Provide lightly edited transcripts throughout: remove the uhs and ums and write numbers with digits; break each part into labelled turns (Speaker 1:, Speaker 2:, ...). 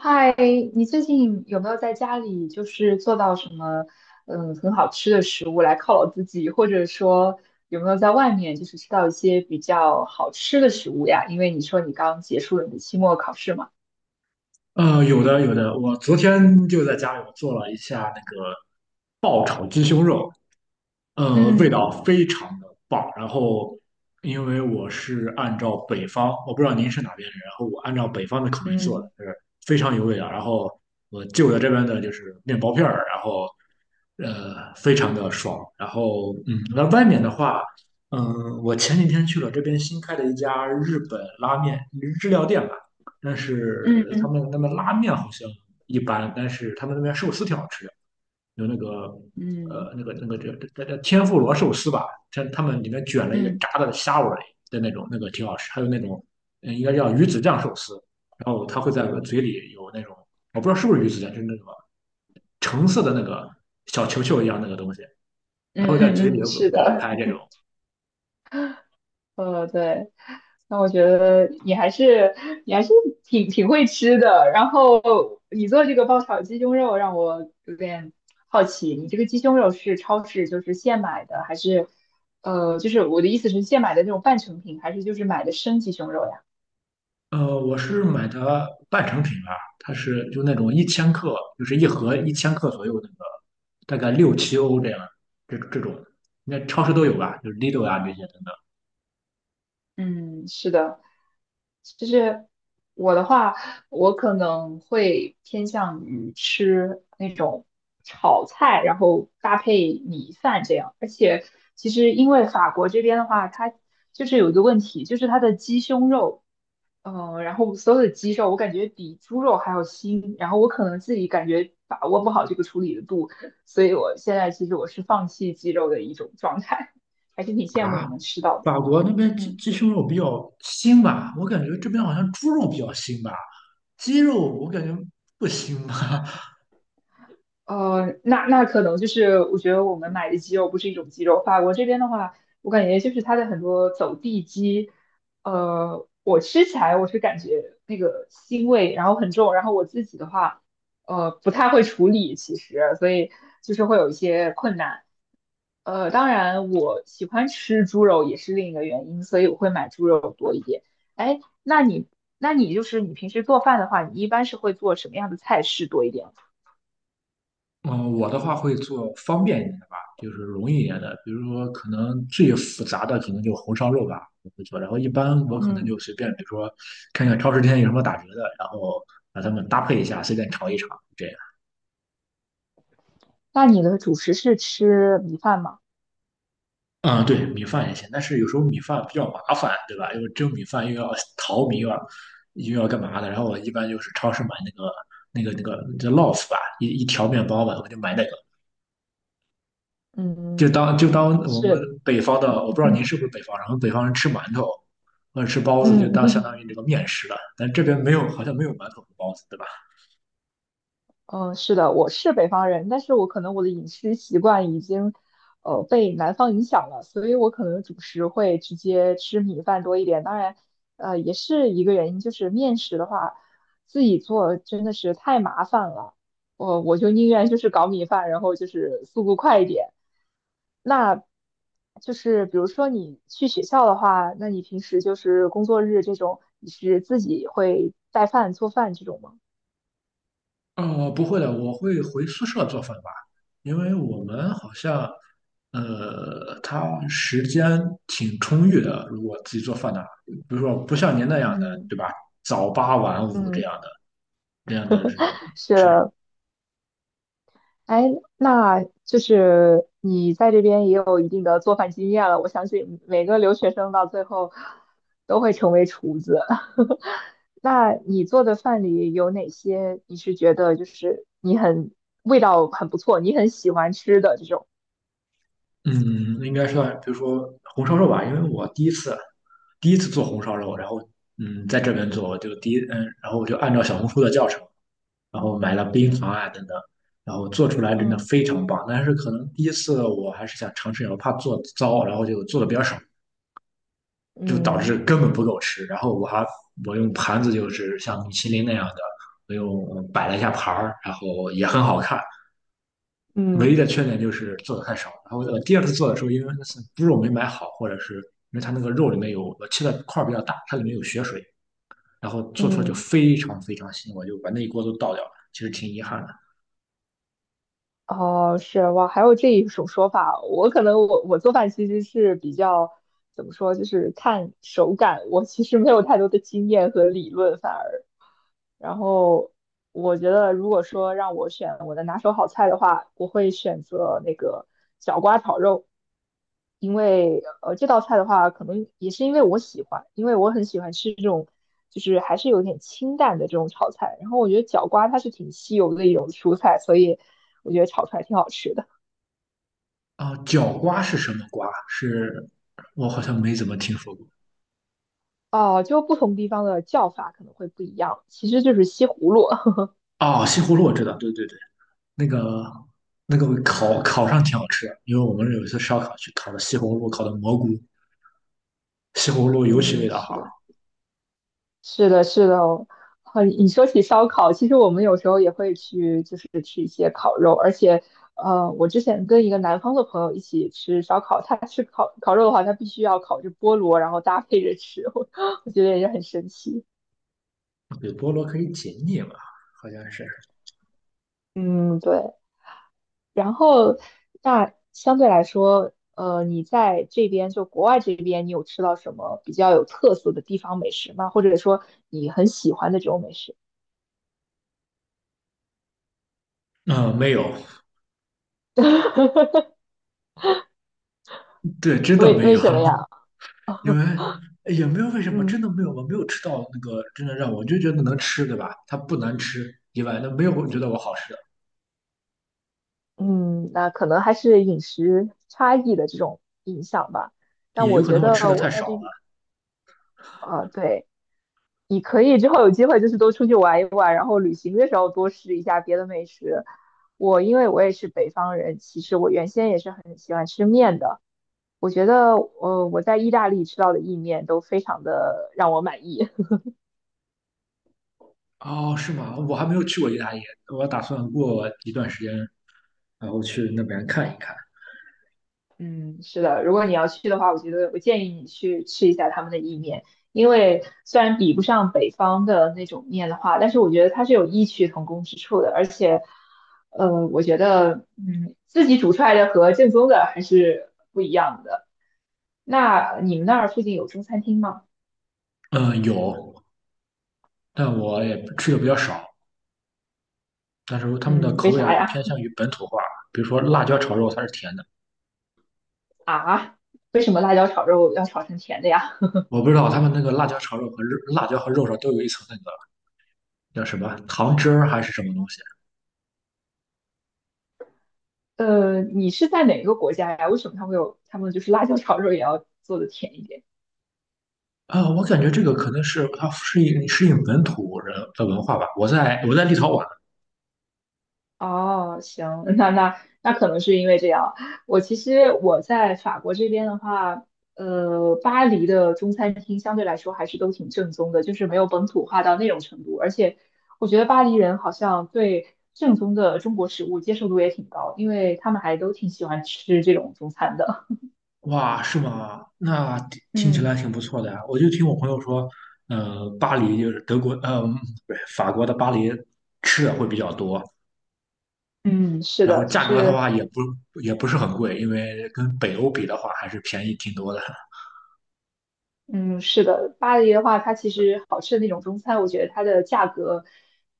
Speaker 1: 嗨，你最近有没有在家里就是做到什么很好吃的食物来犒劳自己，或者说有没有在外面就是吃到一些比较好吃的食物呀？因为你说你刚结束了你的期末考试嘛。
Speaker 2: 有的有的，我昨天就在家里我做了一下那个爆炒鸡胸肉，味
Speaker 1: 嗯
Speaker 2: 道非常的棒。然后，因为我是按照北方，我不知道您是哪边人，然后我按照北方的口味做的，
Speaker 1: 嗯
Speaker 2: 就是非常有味道。然后我就着这边的就是面包片儿，然后非常的爽。然后，那外面的话，我前几天去了这边新开的一家日本拉面日料店吧，但
Speaker 1: 嗯
Speaker 2: 是他
Speaker 1: 嗯
Speaker 2: 们那边拉面好像一般，但是他们那边寿司挺好吃的。有那个
Speaker 1: 嗯
Speaker 2: 呃那个那个叫天妇罗寿司吧，像他们里面卷了一个
Speaker 1: 嗯
Speaker 2: 炸的虾尾的那种，那个挺好吃。还有那种应该叫鱼子酱寿司，然后它会在嘴里有那种我不知道是不是鱼子酱，就是那个橙色的那个小球球一样那个东西，它
Speaker 1: 嗯
Speaker 2: 会在嘴里
Speaker 1: 嗯，嗯，是
Speaker 2: 爆
Speaker 1: 的。
Speaker 2: 开这种。
Speaker 1: 对，那我觉得你还是挺会吃的。然后你做这个爆炒鸡胸肉让我有点好奇，你这个鸡胸肉是超市就是现买的，还是就是我的意思是现买的那种半成品，还是就是买的生鸡胸肉呀？
Speaker 2: 我是买的半成品吧，它是就那种一千克，就是一盒一千克左右那个，大概六七欧这样，这种，应该超市都有吧，就是 Lidl 啊这些等
Speaker 1: 嗯，是的。就是我的话，我可能会偏向于吃那种炒菜，然后搭配米饭这样。而且其实因为法国这边的话，它就是有一个问题，就是它的鸡胸肉，然后所有的鸡肉我感觉比猪肉还要腥，然后我可能自己感觉把握不好这个处理的度，所以我现在其实我是放弃鸡肉的一种状态，还是挺羡
Speaker 2: 等。
Speaker 1: 慕
Speaker 2: 啊，
Speaker 1: 你能吃到的。
Speaker 2: 法国那边鸡
Speaker 1: 嗯。
Speaker 2: 鸡胸肉比较腥吧，我感觉这边好像猪肉比较腥吧，鸡肉我感觉不腥吧。
Speaker 1: 那可能就是我觉得我们买的鸡肉不是一种鸡肉。法国这边的话，我感觉就是它的很多走地鸡，我吃起来我是感觉那个腥味，然后很重。然后我自己的话，不太会处理，其实，所以就是会有一些困难。当然我喜欢吃猪肉也是另一个原因，所以我会买猪肉多一点。哎，那你就是你平时做饭的话，你一般是会做什么样的菜式多一点？
Speaker 2: 嗯，我的话会做方便一点的吧，就是容易一点的，比如说可能最复杂的可能就红烧肉吧，我会做。然后一般我可能就
Speaker 1: 嗯。
Speaker 2: 随便，比如说看看超市今天有什么打折的，然后把它们搭配一下，随便炒一炒，这样。
Speaker 1: 那你的主食是吃米饭吗？
Speaker 2: 啊，对，米饭也行，但是有时候米饭比较麻烦，对吧？又蒸米饭又要 淘米，又要干嘛的。然后我一般就是超市买那个叫 loaf 吧，一条面包吧，我就买那个，就
Speaker 1: 嗯，
Speaker 2: 当就当我们
Speaker 1: 是，
Speaker 2: 北方的，我不知道您是不是北方人，我们北方人吃馒头或者吃包子，就
Speaker 1: 嗯，
Speaker 2: 当相当 于这个面食了。但这边没有，好像没有馒头和包子，对吧？
Speaker 1: 嗯，是的，我是北方人，但是我可能我的饮食习惯已经，被南方影响了，所以我可能主食会直接吃米饭多一点。当然，也是一个原因，就是面食的话，自己做真的是太麻烦了，我就宁愿就是搞米饭，然后就是速度快一点。那就是比如说你去学校的话，那你平时就是工作日这种，你是自己会带饭做饭这种吗？
Speaker 2: 哦，不会的，我会回宿舍做饭吧，因为我们好像，他时间挺充裕的。如果自己做饭的话，比如说不像您那样的，
Speaker 1: 嗯。
Speaker 2: 对吧？早八晚五这
Speaker 1: 嗯。
Speaker 2: 样的，这样的是
Speaker 1: 是
Speaker 2: 是，
Speaker 1: 的，哎，那就是你在这边也有一定的做饭经验了。我相信每个留学生到最后都会成为厨子。那你做的饭里有哪些你是觉得就是你很味道很不错，你很喜欢吃的这种？
Speaker 2: 嗯，应该算，比如说红烧肉吧，因为我第一次做红烧肉，然后在这边做，就第一然后我就按照小红书的教程。然后买了冰糖啊等等，然后做出来真的
Speaker 1: 嗯
Speaker 2: 非常棒。但是可能第一次我还是想尝试一下，我怕做糟，然后就做的比较少，就导
Speaker 1: 嗯
Speaker 2: 致根本不够吃。然后我用盘子就是像米其林那样的，我用摆了一下盘儿，然后也很好看。唯一
Speaker 1: 嗯
Speaker 2: 的缺点就是做的太少。然后我第二次做的时候，因为那次猪肉没买好，或者是因为它那个肉里面有我切的块儿比较大，它里面有血水，然后做出来就
Speaker 1: 嗯。
Speaker 2: 非常非常腥，我就把那一锅都倒掉了，其实挺遗憾的。
Speaker 1: 哦，是哇，还有这一种说法。我可能我做饭其实是比较怎么说，就是看手感。我其实没有太多的经验和理论，反而。然后我觉得，如果说让我选我的拿手好菜的话，我会选择那个角瓜炒肉，因为这道菜的话，可能也是因为我喜欢，因为我很喜欢吃这种就是还是有点清淡的这种炒菜。然后我觉得角瓜它是挺稀有的一种蔬菜，所以我觉得炒出来挺好吃的。
Speaker 2: 啊，角瓜是什么瓜？是我好像没怎么听说过。
Speaker 1: 哦，就不同地方的叫法可能会不一样，其实就是西葫芦。
Speaker 2: 哦，西葫芦我知道，对对对，那个烤上挺好吃的因为我们有一次烧烤去烤的西葫芦，烤的蘑菇，西 葫芦尤其味
Speaker 1: 嗯，
Speaker 2: 道好。
Speaker 1: 是的。是的，是的哦，很，你说起烧烤，其实我们有时候也会去，就是吃一些烤肉，而且，我之前跟一个南方的朋友一起吃烧烤，他吃烤肉的话，他必须要烤着菠萝，然后搭配着吃，我觉得也是很神奇。
Speaker 2: 对，菠萝可以解腻嘛，好像是。
Speaker 1: 嗯，对。然后，那相对来说，你在这边就国外这边，你有吃到什么比较有特色的地方美食吗？或者说你很喜欢的这种美食？
Speaker 2: 嗯，没有，对，真的
Speaker 1: 为
Speaker 2: 没
Speaker 1: 为
Speaker 2: 有，
Speaker 1: 什么呀？
Speaker 2: 因为 哎也没有为什么，
Speaker 1: 嗯。
Speaker 2: 真的没有，我没有吃到那个真的让我就觉得能吃，对吧？它不难吃以外，那没有我觉得我好吃的，
Speaker 1: 嗯，那可能还是饮食差异的这种影响吧。但
Speaker 2: 也有
Speaker 1: 我
Speaker 2: 可
Speaker 1: 觉
Speaker 2: 能我吃
Speaker 1: 得
Speaker 2: 的
Speaker 1: 我
Speaker 2: 太
Speaker 1: 在
Speaker 2: 少
Speaker 1: 这，
Speaker 2: 了。
Speaker 1: 啊，对，你可以之后有机会就是多出去玩一玩，然后旅行的时候多试一下别的美食。我因为我也是北方人，其实我原先也是很喜欢吃面的。我觉得，我在意大利吃到的意面都非常的让我满意。
Speaker 2: 哦，是吗？我还没有去过意大利，我打算过一段时间，然后去那边看一看。
Speaker 1: 嗯，是的，如果你要去的话，我觉得我建议你去吃一下他们的意面，因为虽然比不上北方的那种面的话，但是我觉得它是有异曲同工之处的，而且，我觉得，自己煮出来的和正宗的还是不一样的。那你们那儿附近有中餐厅吗？
Speaker 2: 嗯，有，但我也吃的比较少。但是他们的
Speaker 1: 嗯，
Speaker 2: 口
Speaker 1: 为
Speaker 2: 味还
Speaker 1: 啥
Speaker 2: 是
Speaker 1: 呀？
Speaker 2: 偏向于本土化，比如说辣椒炒肉，它是甜的。
Speaker 1: 啊，为什么辣椒炒肉要炒成甜的呀？
Speaker 2: 我不知道他们那个辣椒炒肉和肉辣椒和肉上都有一层那个叫什么糖汁儿还是什么东西
Speaker 1: 你是在哪个国家呀？为什么他们就是辣椒炒肉也要做的甜一点？
Speaker 2: 啊。我感觉这个可能是它适应适应本土人的文化吧。我在立陶宛。
Speaker 1: 哦，行，那那可能是因为这样。我其实我在法国这边的话，巴黎的中餐厅相对来说还是都挺正宗的，就是没有本土化到那种程度。而且我觉得巴黎人好像对正宗的中国食物接受度也挺高，因为他们还都挺喜欢吃这种中餐的。
Speaker 2: 哇，是吗？那听 听起来
Speaker 1: 嗯
Speaker 2: 挺不错的呀。我就听我朋友说，巴黎就是德国，不是法国的巴黎吃的会比较多，
Speaker 1: 嗯，是
Speaker 2: 然后
Speaker 1: 的，就
Speaker 2: 价格的
Speaker 1: 是，
Speaker 2: 话也不是很贵，因为跟北欧比的话还是便宜挺多的。
Speaker 1: 嗯，是的，巴黎的话，它其实好吃的那种中餐，我觉得它的价格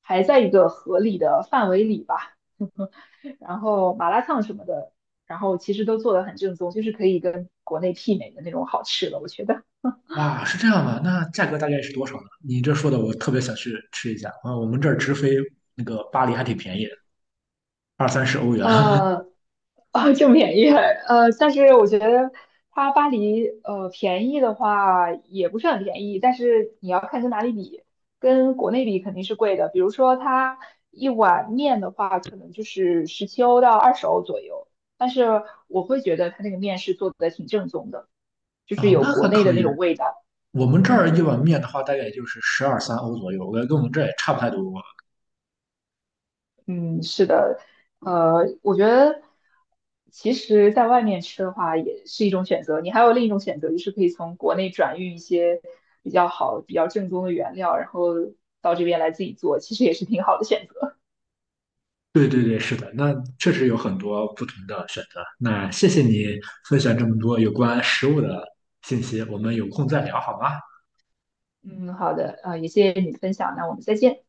Speaker 1: 还在一个合理的范围里吧。然后麻辣烫什么的，然后其实都做的很正宗，就是可以跟国内媲美的那种好吃的，我觉得。
Speaker 2: 哇，是这样的，那价格大概是多少呢？你这说的我特别想去吃一下。啊，我们这儿直飞那个巴黎还挺便宜的二三十欧元。啊，
Speaker 1: 呃，啊，就便宜，但是我觉得它巴黎，便宜的话也不是很便宜，但是你要看跟哪里比，跟国内比肯定是贵的。比如说它一碗面的话，可能就是17欧到20欧左右，但是我会觉得它那个面是做的挺正宗的，就是有
Speaker 2: 那还
Speaker 1: 国内
Speaker 2: 可
Speaker 1: 的那
Speaker 2: 以。
Speaker 1: 种味道。
Speaker 2: 我们这儿
Speaker 1: 嗯。
Speaker 2: 一碗面的话，大概也就是十二三欧左右，我感觉跟我们这儿也差不太多。
Speaker 1: 嗯，是的，我觉得其实在外面吃的话也是一种选择。你还有另一种选择，就是可以从国内转运一些比较好、比较正宗的原料，然后到这边来自己做，其实也是挺好的选择。
Speaker 2: 对对对，是的，那确实有很多不同的选择。那谢谢你分享这么多有关食物的信息，我们有空再聊好吗？
Speaker 1: 嗯，好的，也谢谢你的分享，那我们再见。